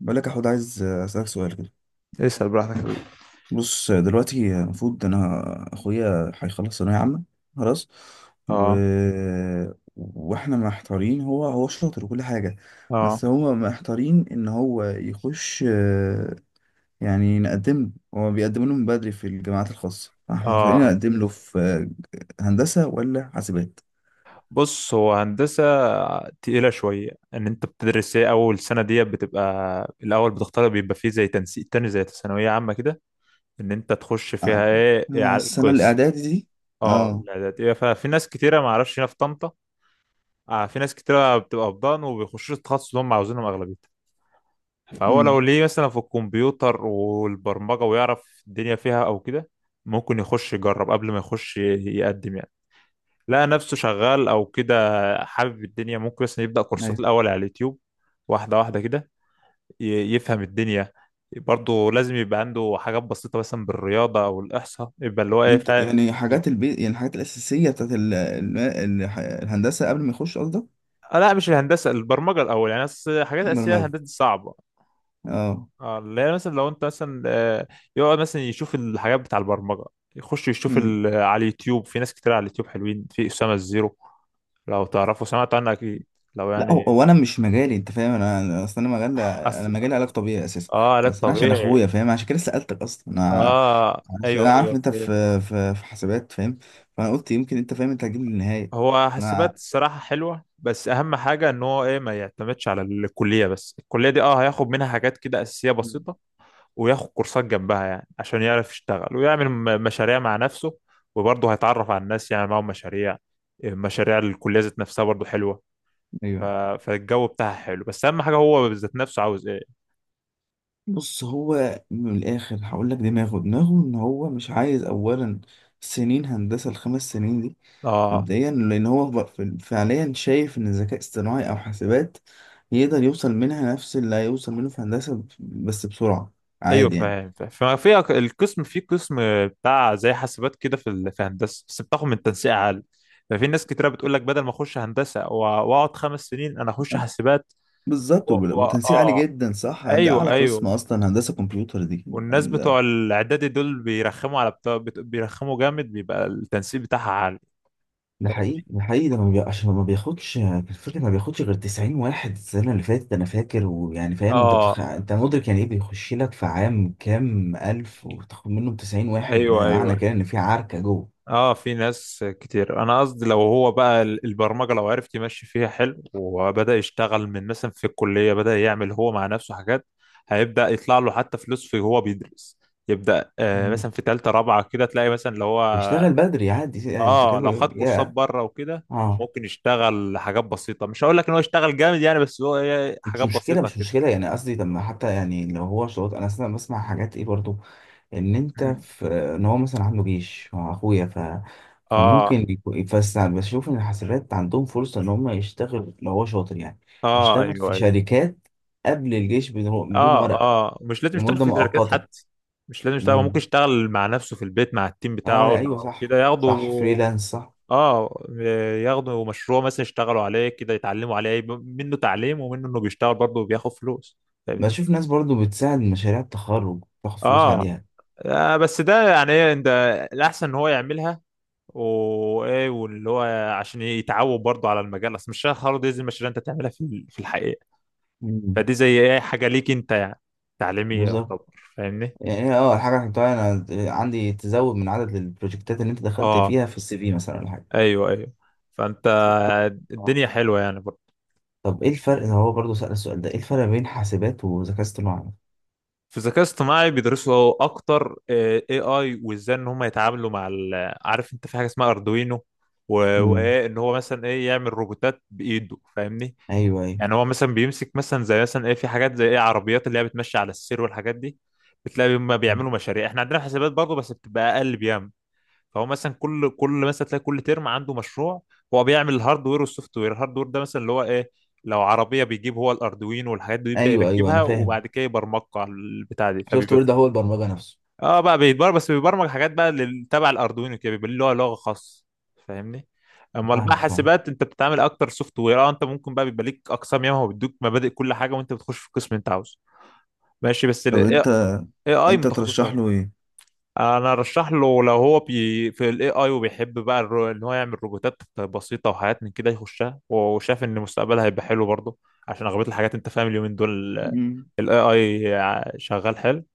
بقول لك يا حود عايز اسالك سؤال كده. اسأل براحتك يا حبيبي. بص دلوقتي المفروض انا اخويا هيخلص ثانويه عامه خلاص و... اه. واحنا محتارين هو شاطر وكل حاجه. اه. بس هو محتارين ان هو يخش يعني نقدم له. هو بيقدم له من بدري في الجامعات الخاصه فاحنا محتارين اه. نقدم له في هندسه ولا حاسبات. بص، هو هندسة تقيلة شوية. ان انت بتدرس ايه اول سنة دي، بتبقى الاول بتختار، بيبقى فيه زي تنسيق تاني زي ثانوية عامة كده، ان انت تخش فيها آه، ايه، إيه على السنه القسم. الاعدادي دي. اه، اه. الاعدادية. ففي ناس كتيرة، ما اعرفش، هنا في طنطا. آه، في ناس كتيرة بتبقى في ضان وبيخشوش التخصص اللي هم عاوزينهم اغلبيتها. فهو لو امم ليه مثلا في الكمبيوتر والبرمجة ويعرف الدنيا فيها او كده، ممكن يخش يجرب قبل ما يخش يقدم يعني. لقى نفسه شغال او كده، حابب الدنيا، ممكن مثلا يبدأ كورسات الاول على اليوتيوب واحده واحده كده، يفهم الدنيا. برضه لازم يبقى عنده حاجات بسيطه مثلا بالرياضه او الاحصاء، يبقى اللي هو ايه، انت فاهم. يعني حاجات البيت، يعني الحاجات الاساسيه بتاعت الهندسه قبل ما يخش قصدك. لا، مش الهندسه، البرمجه الاول يعني، حاجات اساسيه. برمجه، الهندسه دي صعبه. اه. اللي هي مثلا، لو انت مثلا، يقعد مثلا يشوف الحاجات بتاع البرمجه، يخش يشوف مم. على اليوتيوب. في ناس كتير على اليوتيوب حلوين، في اسامه الزيرو، لو تعرفوا، سمعت عنها اكيد. لو لا هو يعني، هو انا مش مجالي، انت فاهم، اصل انا مجال، انا أصل، مجالي علاج طبيعي اساسا. اه، علاج بس انا عشان اخويا طبيعي. فاهم، عشان كده سالتك اصلا. انا اه، عشان ايوه انا عارف ايوه، إن انت فهمت. في، في حسابات، فاهم. فانا قلت يمكن انت فاهم، انت هتجيب لي النهايه. هو انا. حاسبات الصراحه حلوه، بس اهم حاجه ان هو ايه، ما يعتمدش على الكليه بس. الكليه دي اه هياخد منها حاجات كده اساسيه مم. بسيطه، وياخد كورسات جنبها يعني عشان يعرف يشتغل ويعمل مشاريع مع نفسه. وبرضه هيتعرف على الناس يعني، معاهم مشاريع. مشاريع الكليه ذات نفسها برضه حلوه. ف... ايوه. فالجو بتاعها حلو، بس اهم حاجه هو ذات نفسه عاوز ايه. بص هو من الاخر هقول لك دماغه، دماغه ان هو مش عايز اولا سنين هندسه الخمس سنين دي اه، مبدئيا، لان هو فعليا شايف ان الذكاء الاصطناعي او حاسبات يقدر يوصل منها نفس اللي هيوصل منه في هندسة، بس بسرعة، ايوه عادي يعني. فاهم فاهم. ففي القسم، في قسم بتاع زي حاسبات كده في في هندسه، بس بتاخد من تنسيق عالي. ففي ناس كتيره بتقول لك بدل ما اخش هندسه واقعد 5 سنين، انا اخش حاسبات. بالظبط، و... وتنسيق عالي اه، جدا صح، ده ايوه اعلى قسم ايوه. اصلا هندسة كمبيوتر دي. والناس ال- بتوع الاعدادي دول بيرخموا على بتوع، بيرخموا جامد، بيبقى التنسيق بتاعها عالي. ده حقيقي، ده حقيقي. ده ما بي... عشان ما بياخدش الفكرة، ما بياخدش غير 90 واحد السنة اللي فاتت أنا فاكر، ويعني فاهم أنت اه، أنت مدرك يعني إيه، بيخش لك في عام كام ألف وتاخد منهم 90 واحد؟ ايوه ده ايوه. معنى كده إن في عركة جوه. اه، في ناس كتير. انا قصدي لو هو بقى البرمجه، لو عرف يمشي فيها حلو وبدا يشتغل من مثلا في الكليه، بدا يعمل هو مع نفسه حاجات، هيبدا يطلع له حتى فلوس في هو بيدرس. يبدا آه مثلا في ثالثه رابعه كده تلاقي مثلا لو هو، يشتغل بدري عادي يعني، انت اه لو خد كده كورسات يا. بره وكده، اه. ممكن يشتغل حاجات بسيطه. مش هقول لك ان هو يشتغل جامد يعني، بس هو إيه، مش حاجات مشكله، بسيطه مش كده. مشكله، يعني قصدي طب ما حتى، يعني لو هو شروط. انا اصلا بسمع حاجات ايه برضو، ان انت مم. في، ان هو مثلا عنده جيش مع اخويا، ف اه، فممكن يكون، بس بشوف ان الحسابات عندهم فرصه ان هم يشتغل لو هو شاطر يعني. اه يشتغل ايوه في أيوه. شركات قبل الجيش، بدون بدون اه، ورق، اه مش لازم يشتغل لمده في شركات مؤقته. حتى. مش لازم يشتغل. هو ممكن امم. يشتغل مع نفسه في البيت مع التيم اه بتاعه ايوه، لو كده، صح ياخدوا، صح، فريلانس صح. اه، ياخدوا مشروع مثلا يشتغلوا عليه كده، يتعلموا عليه، يبقى منه تعليم ومنه انه بيشتغل برضه وبياخد فلوس. فاهمني؟ بشوف ناس برضو بتساعد مشاريع التخرج تاخد فلوس اه. عليها. بس ده يعني ايه انت، الاحسن ان هو يعملها، وايه، واللي هو، عشان يتعود برضه على المجال. اصل مش التخرج دي زي المشاريع انت تعملها في في الحقيقه. مم. فدي زي ايه، حاجه ليك انت يعني تعليميه بالظبط. يعتبر. فاهمني؟ يعني اه الحاجة اللي حطها انا عندي تزود من عدد البروجكتات اللي انت دخلت اه، فيها في السي في مثلا ولا حاجة. ايوه ايوه. فانت، طب، الدنيا حلوه يعني برضه. طب ايه الفرق؟ هو برضه سأل السؤال ده، ايه الفرق بين حاسبات وذكاء اصطناعي؟ في الذكاء الاصطناعي بيدرسوا اكتر اي اي، وازاي ان هم يتعاملوا مع عارف انت في حاجه اسمها اردوينو، امم. وايه ان هو مثلا ايه، يعمل روبوتات بايده. فاهمني؟ ايوه ايوه. يعني هو مثلا بيمسك مثلا زي مثلا ايه، في حاجات زي ايه، عربيات اللي هي بتمشي على السير والحاجات دي. بتلاقي هم بيعملوا مشاريع. احنا عندنا في حسابات برضه بس بتبقى اقل بياما. فهو مثلا كل مثلا تلاقي كل ترم عنده مشروع. هو بيعمل الهاردوير والسوفت وير. الهاردوير ده مثلا اللي هو ايه، لو عربيه بيجيب هو الاردوين والحاجات دي ويبدا ايوه ايوه، انا يركبها فاهم. وبعد كده يبرمجها على البتاع دي، السوفت فبيبقى وير ده هو البرمجة نفسه. اه بقى بيتبرمج، بس بيبرمج حاجات بقى تبع الاردوين وكده، بيبقى له لغه خاص. فاهمني؟ امال بقى فاهمك، فاهم. حاسبات انت بتتعامل اكتر سوفت وير. اه، انت ممكن بقى بيبقى ليك اقسام ياما، وبيدوك مبادئ كل حاجه، وانت بتخش في القسم اللي انت عاوزه. ماشي. بس طب الاي انت، اي انت متخصص. ترشح له ايه؟ انا ارشح له لو هو بي في الاي اي وبيحب بقى ان هو يعمل روبوتات بسيطه وحاجات من كده، يخشها، وشاف ان مستقبلها هيبقى حلو برضه. عشان اغلبيه الحاجات انت فاهم اليومين دول مم. الاي اي شغال حلو.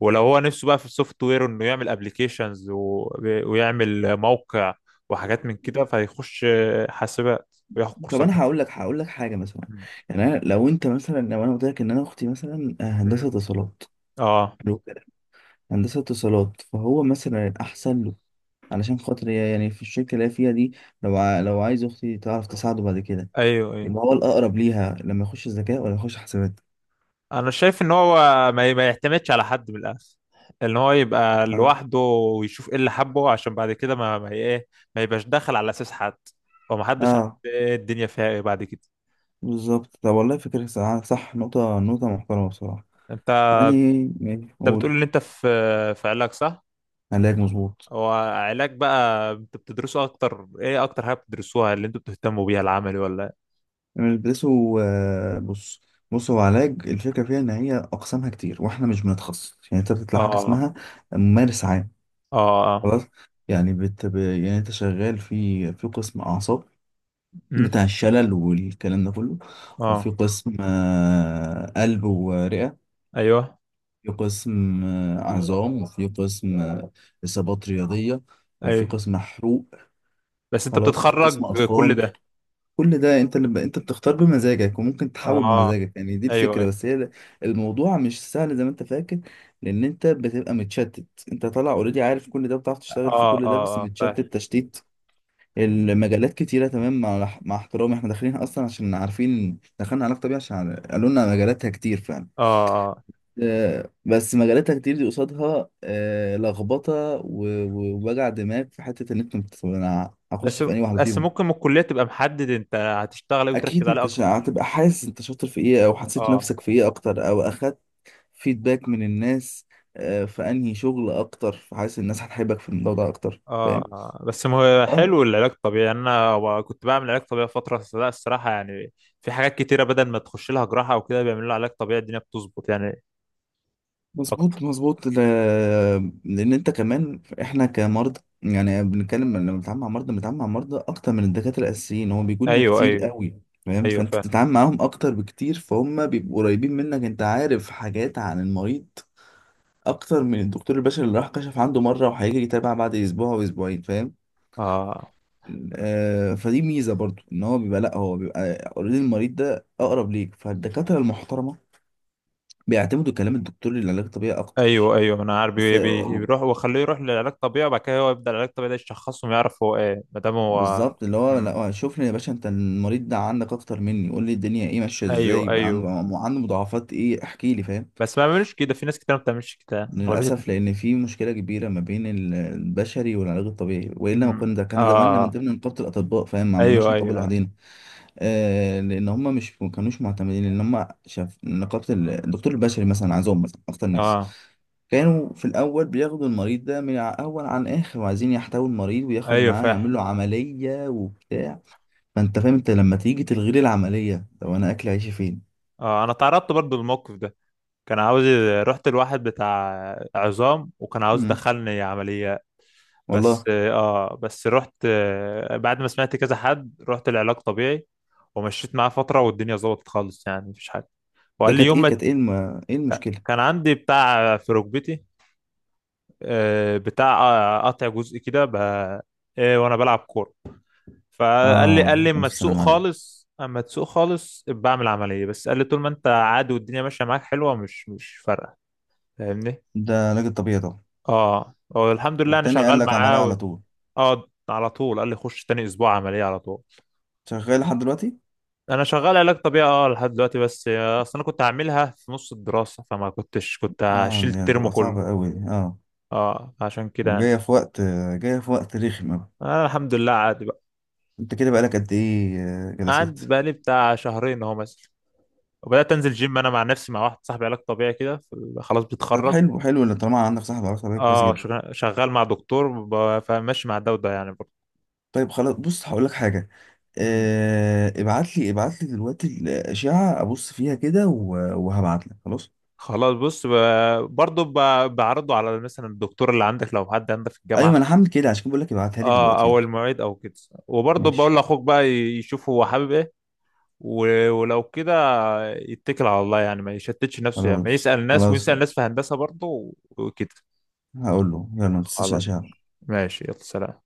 ولو هو نفسه بقى في السوفت وير، انه يعمل ابلكيشنز و... ويعمل موقع وحاجات من كده، فيخش حاسبات وياخد طب كورسات انا هقول جنبها. لك، هقول لك حاجه مثلا. مم. يعني انا لو انت مثلا، لو انا قلت لك ان انا اختي مثلا هندسه مم. اتصالات، اه، حلو كده، هندسه اتصالات، فهو مثلا الاحسن علشان خاطر هي يعني في الشركة اللي هي فيها دي، لو عايز أختي تعرف تساعده بعد كده، ايوه ايوه. يبقى هو الأقرب ليها لما يخش الذكاء ولا يخش حسابات؟ انا شايف ان هو ما يعتمدش على حد من الاخر. ان هو يبقى اه. لوحده ويشوف ايه اللي حبه، عشان بعد كده ما ايه، ما يبقاش داخل على اساس حد، وما حدش عارف اه. ايه الدنيا فيها ايه بعد كده. بالظبط، طب والله فكرة، صح صح، نقطة، نقطة محترمة بصراحة انت يعني. ماشي، انت بتقول قول. ان انت في في علاج، صح؟ علاج، مظبوط. هو علاج بقى انت بتدرسه اكتر ايه، اكتر حاجه بتدرسوها اللي انتوا بتهتموا بيها العملي ولا إيه؟ بيلبسوا بص. بص هو علاج الفكرة فيها إن هي أقسامها كتير، وإحنا مش بنتخصص يعني، أنت بتطلع حاجة اه. اسمها ممارس عام، اه. اه. خلاص. يعني يعني أنت شغال في، في قسم أعصاب امم بتاع الشلل والكلام ده كله، وفي اه، قسم قلب ورئة، ايوه في قسم عظام، وفي قسم إصابات رياضية، وفي ايوه. قسم حروق بس انت خلاص، وفي قسم بتتخرج كل أطفال. ده؟ كل ده أنت اللي أنت بتختار بمزاجك، وممكن تحول اه، بمزاجك، يعني دي ايوه الفكرة. ايوه. بس هي الموضوع مش سهل زي ما أنت فاكر، لأن أنت بتبقى متشتت، أنت طالع أوريدي عارف كل ده، بتعرف تشتغل في اه كل ده، اه بس اه، فاهم. متشتت تشتيت. المجالات كتيرة، تمام، مع احترامي احنا داخلين اصلا عشان عارفين، دخلنا علاقة طبيعية عشان قالوا لنا مجالاتها كتير فعلا. اه. آه. بس مجالاتها كتير دي قصادها لخبطة، ووجع دماغ في حتة ان انت انا هخش بس في انهي واحدة بس فيهم. ممكن من الكلية تبقى محدد انت هتشتغل ايه وتركز اكيد عليه انت اكتر. هتبقى حاسس انت شاطر في ايه، او حسيت اه. نفسك في ايه اكتر، او اخدت فيدباك من الناس في انهي شغل اكتر، فحاسس الناس هتحبك في الموضوع ده اكتر، اه. فاهم. آه. بس ما، هو اه. حلو العلاج الطبيعي يعني. انا كنت بعمل علاج طبيعي فترة، لا الصراحة يعني في حاجات كتيرة بدل ما تخش لها جراحة او كده، بيعملوا لها علاج طبيعي الدنيا بتظبط يعني اكتر. مظبوط مظبوط، لان انت كمان، احنا كمرضى يعني بنتكلم، لما بنتعامل مع مرضى، بنتعامل مع مرضى اكتر من الدكاتره الاساسيين، هو بيجوا لنا ايوه كتير ايوه. قوي، فاهم. ايوه فانت فاهم. بتتعامل معاهم اكتر بكتير، فهم بيبقوا قريبين منك، انت عارف حاجات عن المريض اكتر من الدكتور البشري اللي راح كشف عنده مره وهيجي يتابع بعد اسبوع واسبوعين، فاهم. اه، آه فدي ميزه برضو ان هو بيبقى، لا هو بيبقى اوريدي المريض ده اقرب ليك، فالدكاتره المحترمه بيعتمدوا كلام الدكتور للعلاج الطبيعي ايوه اكتر. ايوه، انا عارف. بس بيروح وخليه يروح للعلاج الطبيعي، وبعد كده هو يبدأ العلاج الطبيعي ده يشخصه ويعرف هو ايه، ما دام هو. بالظبط، اللي هو لا مم. هو شوف لي يا باشا، انت المريض ده عندك اكتر مني، قول لي الدنيا ايه ماشيه ايوه ازاي بقى، عنده، ايوه. عنده مضاعفات ايه، احكي لي، فاهم. بس ما بيعملوش كده، في ناس كتير ما بتعملش كده اغلبيه. للاسف، لان في مشكله كبيره ما بين البشري والعلاج الطبيعي، والا ما مم. كنا، اه. كان زماننا من آه. ضمن نقابه الاطباء، فاهم، ما عملناش ايوه نقابه ايوه. لوحدنا. آه لان هم مش ما كانوش معتمدين ان هم شاف نقابه الدكتور البشري مثلا عندهم مثلا اكتر ناس. اه، كانوا في الاول بياخدوا المريض ده من اول عن اخر، وعايزين يحتوي المريض وياخد ايوه معاه، فاهم. يعمل له عمليه وبتاع. فانت فاهم، انت لما تيجي تلغي لي العمليه، لو انا اكل عيشي فين؟ اه، انا تعرضت برضو للموقف ده. كان عاوز، رحت لواحد بتاع عظام، وكان عاوز مم. يدخلني عمليات. بس والله. اه، بس رحت بعد ما سمعت كذا حد، رحت العلاج طبيعي ومشيت معاه فترة والدنيا ظبطت خالص يعني، مفيش حاجة. ده وقال لي كانت يوم ايه، ما، ايه المشكله؟ كان عندي بتاع في ركبتي، بتاع قطع جزء كده وانا بلعب كورة. فقال لي اه قال لي اما الف تسوق سلام عليك، خالص، اما تسوق خالص ابقى بعمل عمليه، بس قال لي طول ما انت عادي والدنيا ماشيه معاك حلوه، مش فارقه. فاهمني؟ ده علاج الطبيعي طبعا. اه، هو الحمد لله انا التاني قال شغال لك عمليه معاه و... على طول. اه، على طول قال لي خش تاني اسبوع عمليه على طول. شغال لحد دلوقتي؟ انا شغال علاج طبيعي اه لحد دلوقتي، بس اصل انا كنت هعملها في نص الدراسه، فما كنتش، كنت اه هشيل يعني الترم تبقى كله. صعبه قوي دي. اه. اه، عشان كده يعني. وجايه في وقت، جايه في وقت رخم قوي. انا الحمد لله عادي بقى. انت كده بقالك قد ايه قعد جلسات؟ بقالي بتاع شهرين اهو مثلا، وبدات انزل جيم انا مع نفسي مع واحد صاحبي علاج طبيعي كده، خلاص طب بيتخرج. حلو، حلو اللي طالما عندك صاحب علاقه طبيعيه، كويس اه. مم. جدا. شغال مع دكتور فماشي مع ده وده يعني برضه. طيب خلاص، بص هقول لك حاجه، مم. ابعت لي، ابعت لي دلوقتي الاشعه، ابص فيها كده، وهبعت لك خلاص. خلاص بص، برضه بعرضه على مثلا الدكتور اللي عندك، لو حد عندك في الجامعة، ايوه انا هعمل كده، عشان كده بقول لك ابعتها لي اه، دلوقتي او يلا. المعيد او كده. وبرضه ماشي. بقول لاخوك بقى يشوف هو حابب ايه. ولو كده، يتكل على الله يعني. ما يشتتش نفسه يعني. ما خلاص يسأل ناس خلاص، ويسأل ناس في هندسة برضه وكده. هقول له. يلا، ما تنساش خلاص. اشعة. ماشي، يلا سلام.